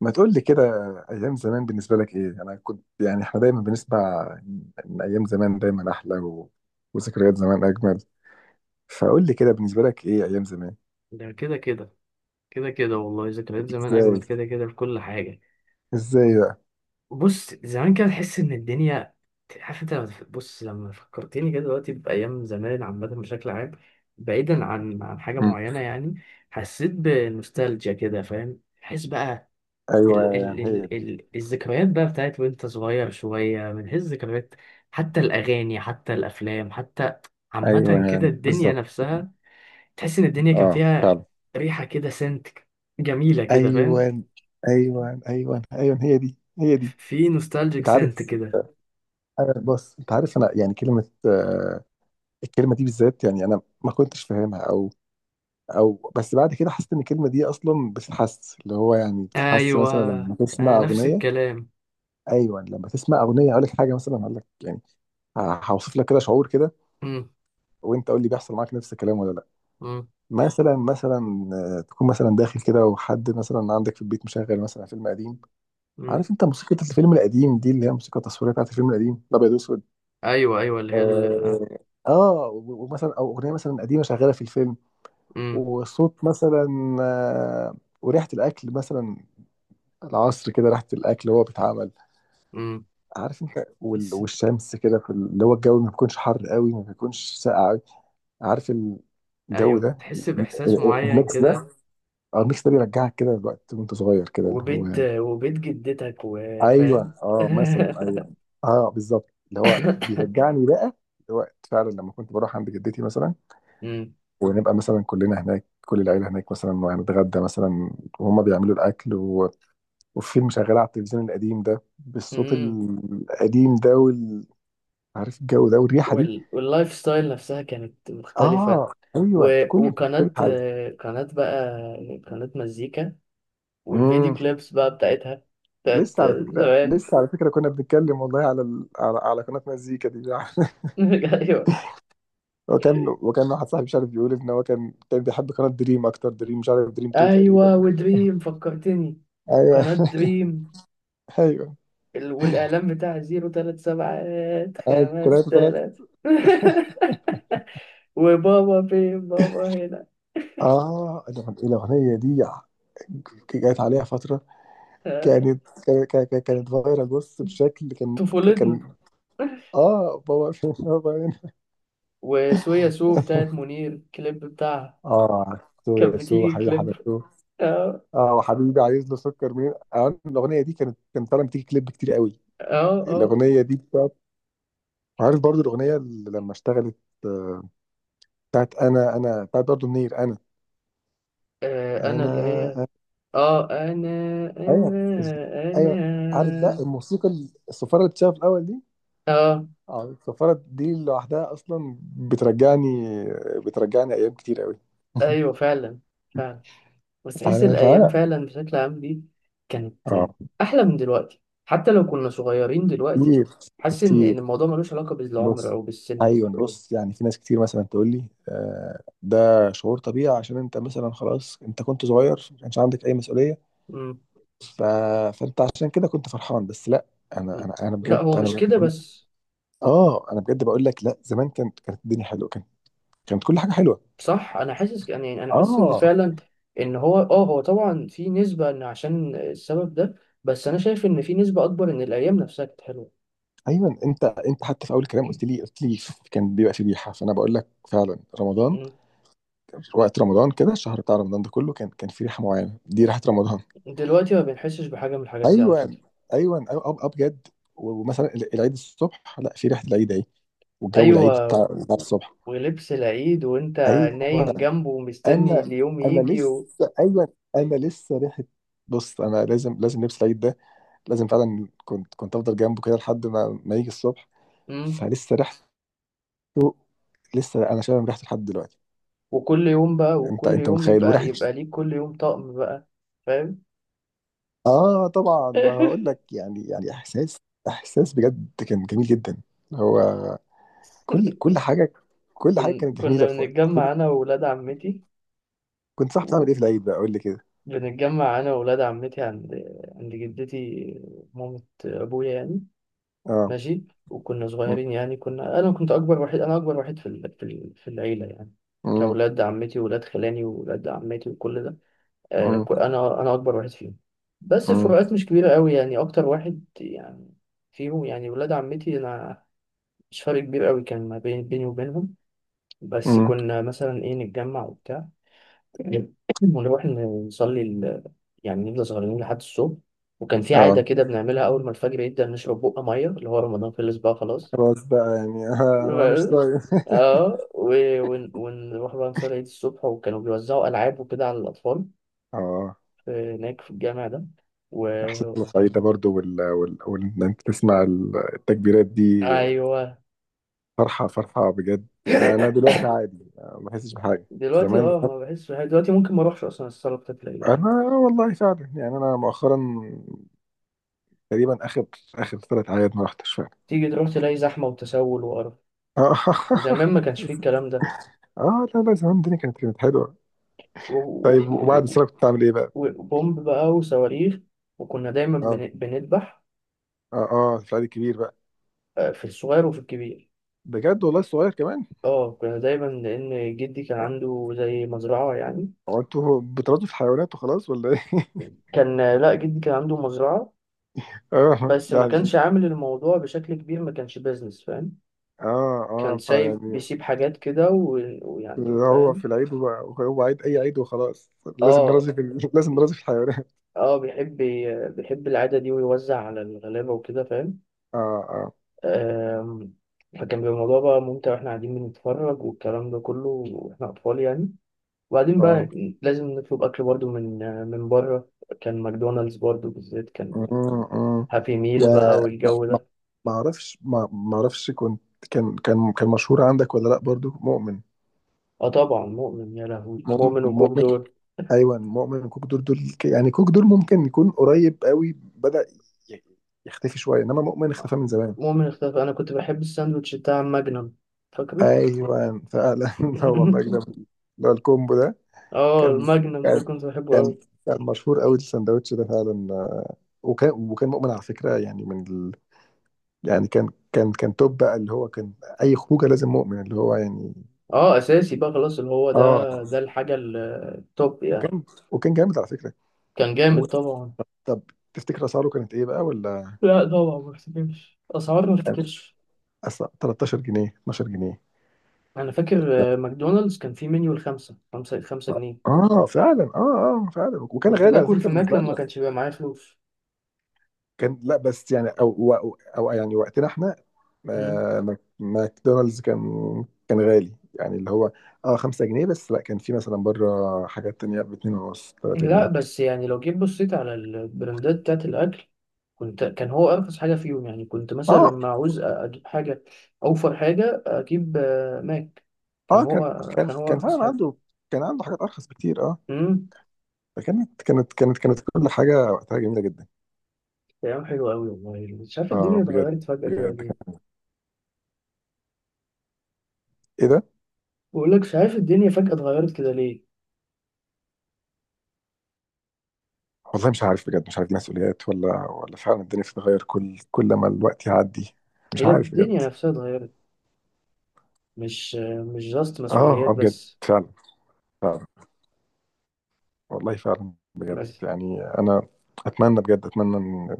ما تقول لي كده. ايام زمان بالنسبه لك ايه؟ انا كنت يعني احنا دايما بنسمع ان ايام زمان دايما احلى، وذكريات زمان اجمل. فقول لي كده، بالنسبه لك ايه ايام زمان؟ ده كده كده والله، ذكريات زمان ازاي؟ اجمد، كده كده في كل حاجه. ازاي بقى؟ بص زمان كده تحس ان الدنيا، عارف انت لما بص، لما فكرتني كده دلوقتي بايام زمان عامه، بشكل عام، بعيدا عن حاجه مم. معينه يعني. حسيت بنوستالجيا كده، فاهم؟ تحس بقى. ايوه، ال يعني ال هي ال دي. ال الذكريات بقى بتاعت وانت صغير شويه، من هي الذكريات؟ حتى الاغاني، حتى الافلام، حتى عامه كده ايوه الدنيا بالظبط. نفسها. تحس ان الدنيا كان اه فيها فعلا. ريحه كده، سنت جميله كده، ايوه فاهم؟ ايوه ايوه ايوه، هي دي هي دي. في نوستالجيك انت سنت عارف، كده. انا يعني كلمه، الكلمه دي بالذات يعني انا ما كنتش فاهمها او، بس بعد كده حسيت ان الكلمه دي اصلا بتتحس، اللي هو يعني بتتحس ايوه، مثلا لما آه تسمع نفس اغنيه. الكلام. ايوه لما تسمع اغنيه اقول لك حاجه، مثلا هقول لك يعني، هوصف لك كده شعور كده، مم. وانت قول لي بيحصل معاك نفس الكلام ولا لا. مم. مثلا مثلا، تكون مثلا داخل كده، وحد مثلا عندك في البيت مشغل مثلا فيلم قديم. مم. عارف انت موسيقى الفيلم القديم دي، اللي هي موسيقى التصويريه بتاعت الفيلم القديم الابيض واسود؟ ايوه ايوه، اللي هي آه. اه، ومثلا او اغنيه مثلا قديمه شغاله في الفيلم، مم. والصوت مثلا، وريحه الاكل مثلا، العصر كده ريحة الأكل وهو بيتعمل، مم. عارف أنت؟ بس. والشمس كده اللي هو الجو ما بيكونش حر قوي ما بيكونش ساقع قوي، عارف الجو ايوه، ده؟ تحس باحساس معين الميكس ده، كده. اه الميكس ده بيرجعك كده لوقت وأنت صغير كده، اللي هو وبيت، يعني، وبيت جدتك، وفاهم. أيوه أه مثلا أيوه. أه بالظبط، اللي هو بيرجعني بقى لوقت فعلا لما كنت بروح عند جدتي مثلا، مم. ونبقى مثلا كلنا هناك، كل العيلة هناك مثلا وهنتغدى مثلا، وهم بيعملوا الأكل، وفيلم شغال على التلفزيون القديم ده بالصوت مم. القديم ده عارف الجو ده والريحه دي. واللايف ستايل نفسها كانت مختلفه. اه و... ايوه، كل وقناه حاجه. آه، قناه بقى، قناه مزيكا والفيديو امم. كليبس بقى بتاعتها، بتاعت لسه على فكره، زمان. كنا بنتكلم والله على قناه مزيكا دي ايوه وكان واحد صاحبي، مش عارف، بيقول ان هو كان بيحب قناه دريم اكتر، دريم مش عارف، دريم 2 ايوه، تقريبا. ودريم فكرتني، ايوه. وقناة دريم. ايوه. والاعلان بتاع زيرو تلات سبعات خمس ثلاثه ثلاثه. تلات وبابا فين، بابا هنا. اه الاغنيه دي جت عليها فتره، آه، كانت فايرال بص، بشكل طفولتنا. كان. اه بابا بابا هنا. وسويا سو بتاعت منير، الكليب بتاعها اه سو كانت يا سو بتيجي حبيبي كليب. حبيبتو. اه اه وحبيبي عايز له سكر منين، آه الاغنيه دي كانت طالعه بتيجي كليب كتير قوي. اه اه، الاغنيه دي بتاعت، عارف برضو الاغنيه اللي لما اشتغلت، آه، بتاعت انا، بتاعت برضو منير، انا آه، انا انا اللي هي، أنا- اه انا ايوه انا ايوه. عارف بقى انا الموسيقى، الصفاره اللي بتشتغل في الاول دي، اه اه السفارة دي لوحدها أصلا بترجعني، أيام كتير أوي. ايوه. فعلا، فعلا، بس تحس الايام فأنا فعلا بشكل عام دي كانت اه احلى من دلوقتي، حتى لو كنا صغيرين دلوقتي. كتير، حاسس ان كتير إن الموضوع ملوش علاقه بالعمر بص. او بالسن. أيوة بص، يعني في ناس كتير مثلا تقول لي آه ده شعور طبيعي، عشان أنت مثلا خلاص أنت كنت صغير ما كانش عندك أي مسؤولية، مم. ف... فأنت عشان كده كنت فرحان. بس لا، أنا لا، بجد، هو مش كده بس. اه أنا بجد بقول لك لا، زمان كانت الدنيا حلوة، كانت كل حاجة حلوة. صح، انا حاسس يعني، انا حاسس ان اه فعلا، ان هو اه، هو طبعا في نسبه ان عشان السبب ده، بس انا شايف ان في نسبه اكبر ان الايام نفسها كانت حلوه. ايوه، انت حتى في اول الكلام قلت لي، كان بيبقى في ريحه. فانا بقول لك فعلا رمضان، مم. وقت رمضان كده، الشهر بتاع رمضان ده كله كان في ريحه معينه، دي ريحه رمضان. دلوقتي ما بنحسش بحاجه من الحاجات دي على ايوه فكره. ايوه، ابجد. ومثلا العيد الصبح، لا في ريحه العيد اهي، والجو العيد ايوه بتاع الصبح. ولبس العيد، وانت ايوه. نايم جنبه ومستني انا اليوم انا يجي و... لسه، ايوه انا لسه ريحه. بص انا لازم، لبس العيد ده لازم، فعلا كنت افضل جنبه كده لحد ما يجي الصبح. مم. فلسه ريحه، لسه انا شامم ريحته لحد دلوقتي. وكل يوم بقى، وكل انت يوم متخيل؟ يبقى وريحه، يبقى ليك كل يوم طقم بقى، فاهم؟ اه طبعا، ما هقول لك، يعني يعني احساس، احساس بجد كان جميل جدا. هو كل حاجه، كل حاجه كانت جميله كنا في وقت بنتجمع انا وولاد عمتي. كنت صاحب، بتعمل ايه في العيد بقى؟ قول لي كده. بنتجمع انا وولاد عمتي عند، عند جدتي، مامة ابويا يعني. اه. ماشي. وكنا م- صغيرين يعني، كنا، انا كنت اكبر وحيد، انا اكبر وحيد في في العيلة يعني، م- كأولاد عمتي وولاد خلاني وولاد عمتي وكل ده. آه، م- انا اكبر واحد فيهم، بس م- الفروقات مش كبيره قوي يعني، اكتر واحد يعني فيهم يعني ولاد عمتي، انا مش فرق كبير قوي كان ما بين بيني وبينهم. بس م. كنا مثلا ايه، نتجمع وبتاع. ونروح نصلي يعني نفضل سهرانين لحد الصبح. وكان في عاده اه كده بنعملها، اول ما الفجر يبدا نشرب بقى ميه، اللي هو رمضان خلص بقى، خلاص. خلاص بقى يعني آه انا مش طايق اه، ونروح بقى نصلي عيد الصبح، وكانوا بيوزعوا العاب وكده على الاطفال اه هناك في الجامع ده. احساس الصعيد ده برضه ان انت تسمع التكبيرات دي، ايوه. فرحه فرحه بجد يعني. انا دلوقتي عادي، ما بحسش بحاجه. دلوقتي زمان، اه، ما بحس بحاجة. دلوقتي ممكن ما اروحش اصلا الصاله بتاعت العيله. انا والله فعلا يعني، انا مؤخرا تقريبا اخر، ثلاث اعياد ما رحتش فعلا. تيجي تروح تلاقي زحمه وتسول وقرف. اه. زمان ما كانش فيه الكلام ده. اه لا لا، زمان الدنيا كانت حلوه. و- و- طيب، وبعد و- السنه كنت بتعمل ايه بقى؟ وبومب بقى وصواريخ. وكنا دايما اه بنذبح. اه اه في العيد الكبير بقى. آه، في الصغير وفي الكبير. بجد والله الصغير كمان. اه كنا دايما، لان جدي كان آه. عنده زي مزرعه يعني. هو انتوا بترازوا في الحيوانات وخلاص ولا ايه؟ كان آه، لا جدي كان عنده مزرعه، اه بس ما كانش يعني. عامل الموضوع بشكل كبير، ما كانش بيزنس فاهم. اه كان اه سايب، فيعني بيسيب حاجات كده و ويعني، هو فاهم. في العيد، هو عيد اي عيد وخلاص لازم اه نرازي في لازم نرازي في الحيوانات. اه، بيحب، بيحب العادة دي ويوزع على الغلابة وكده، فاهم. اه اه آم، فكان بيبقى الموضوع بقى ممتع، واحنا قاعدين بنتفرج والكلام ده كله واحنا أطفال يعني. وبعدين اه. بقى لازم نطلب أكل برضو من، من بره. كان ماكدونالدز برضو بالذات كان مم، مم. هابي ميل بقى، و- ما والجو ما- ده. ما اعرفش، ما ما اعرفش كنت، كان مشهور عندك ولا لا برضو مؤمن؟ اه طبعا مؤمن، يا لهوي مؤمن, مؤمن وكوك مؤمن. دول. ايوه مؤمن. كوك دول يعني كوك دول ممكن يكون قريب قوي بدأ ي- يختفي شويه، انما مؤمن اختفى من زمان. مؤمن اختفى. أنا كنت بحب الساندوتش بتاع ماجنم، فاكره؟ ايوه فعلا. هو مجد اللي هو الكومبو ده. اه كان الماجنم ده كان كنت بحبه. كان كان مشهور قوي السندوتش ده فعلا، وكان مؤمن على فكره يعني من، يعني كان توب بقى، اللي هو كان اي خروجه لازم مؤمن، اللي هو يعني. اه اساسي بقى، خلاص اللي هو ده، اه. ده الحاجه التوب يعني. وكان وكان جامد على فكره. كان و... جامد طبعا. طب، تفتكر اسعاره كانت ايه بقى ولا؟ لا طبعا ما افتكرش اسعار، ما يعني افتكرش. أصل 13 جنيه، 12 جنيه. انا فاكر لا. آه، ماكدونالدز كان فيه منيو الـ5-5-5 جنيه. اه فعلا اه اه فعلا، وكان كنت غالي على باكل فكره في ماك لما بالنسبه ما لنا. كانش بيبقى معايا فلوس. كان، لا بس يعني او, أو يعني وقتنا احنا مم. ماكدونالدز كان غالي يعني، اللي هو اه 5 جنيه. بس لا كان في مثلا بره حاجات تانية ب 2 ونص، 3 لا جنيه بس يعني لو جيت بصيت على البراندات بتاعت الاكل، كنت، كان هو ارخص حاجه فيهم يعني. كنت مثلا اه لما عاوز اجيب حاجه، اوفر حاجه اجيب آه، ماك. كان اه هو، كان هو كان ارخص فعلا حاجه. عنده، كان عنده حاجات ارخص بكتير اه. مم. فكانت كانت كانت كانت كل حاجه وقتها جميله جدا. ايام حلوه قوي والله، مش عارف اه الدنيا بجد. اتغيرت فجاه كده بجد ليه. كان، ايه ده؟ بقول لك مش عارف الدنيا فجاه اتغيرت كده ليه. والله مش عارف بجد، مش عارف دي مسؤوليات ولا فعلا الدنيا بتتغير كل ما الوقت يعدي. مش هي عارف بجد. الدنيا نفسها اتغيرت، مش، مش جاست اه مسؤوليات اه بجد. بس. فعلا فعلا. والله فعلا بجد بس. يعني انا، اتمنى بجد، اتمنى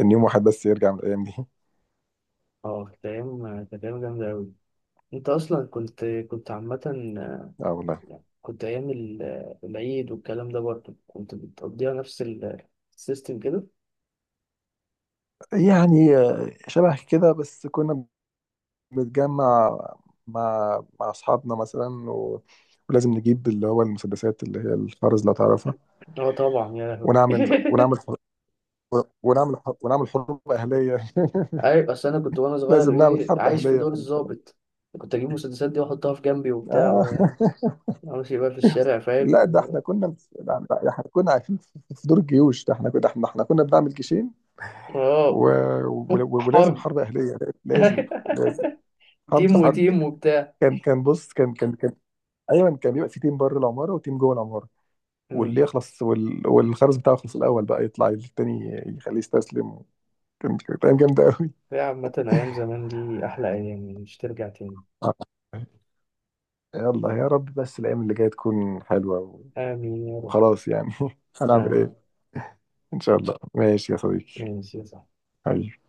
ان يوم واحد بس يرجع من الايام دي. اه كانت ايام، كانت ايام جامده قوي. انت اصلا كنت، كنت عامه اه والله. يعني. كنت ايام العيد والكلام ده برضه كنت بتقضيها نفس السيستم كده. يعني شبه كده، بس كنا بنتجمع مع أصحابنا مثلا و... ولازم نجيب اللي هو المسدسات اللي هي الخرز لو تعرفها، اه طبعا، يا لهوي. ونعمل حرب، ونعمل حروب أهلية. عارف اصل انا كنت وانا صغير لازم نعمل ايه، حرب عايش في أهلية دور في الضابط. كنت اجيب المسدسات دي واحطها في جنبي وبتاع آه. و وامشي بقى في الشارع، فاهم. لا، ده احنا كنا، لا، لا، احنا كنا عايشين في دور الجيوش ده، احنا كنا، احنا احنا كنا بنعمل جيشين، اه. و... و... ولازم حرب. حرب أهلية لازم، لازم حرب، تيم حرب. وتيم وبتاع. كان، ايوه كان بيبقى في تيم بره العماره وتيم جوه العماره. امم. والخرز بتاعه يخلص الاول بقى يطلع التاني يخليه يستسلم. كانت ايام جامده قوي. يا عامة أيام زمان دي أحلى أيام، مش ترجع تاني. آه. يلا يا رب بس الايام اللي جايه تكون حلوه، و- آمين يا رب. وخلاص يعني. هنعمل آمين. ايه؟ ان شاء الله. ماشي يا صديقي. يا سيدي. حبيبي.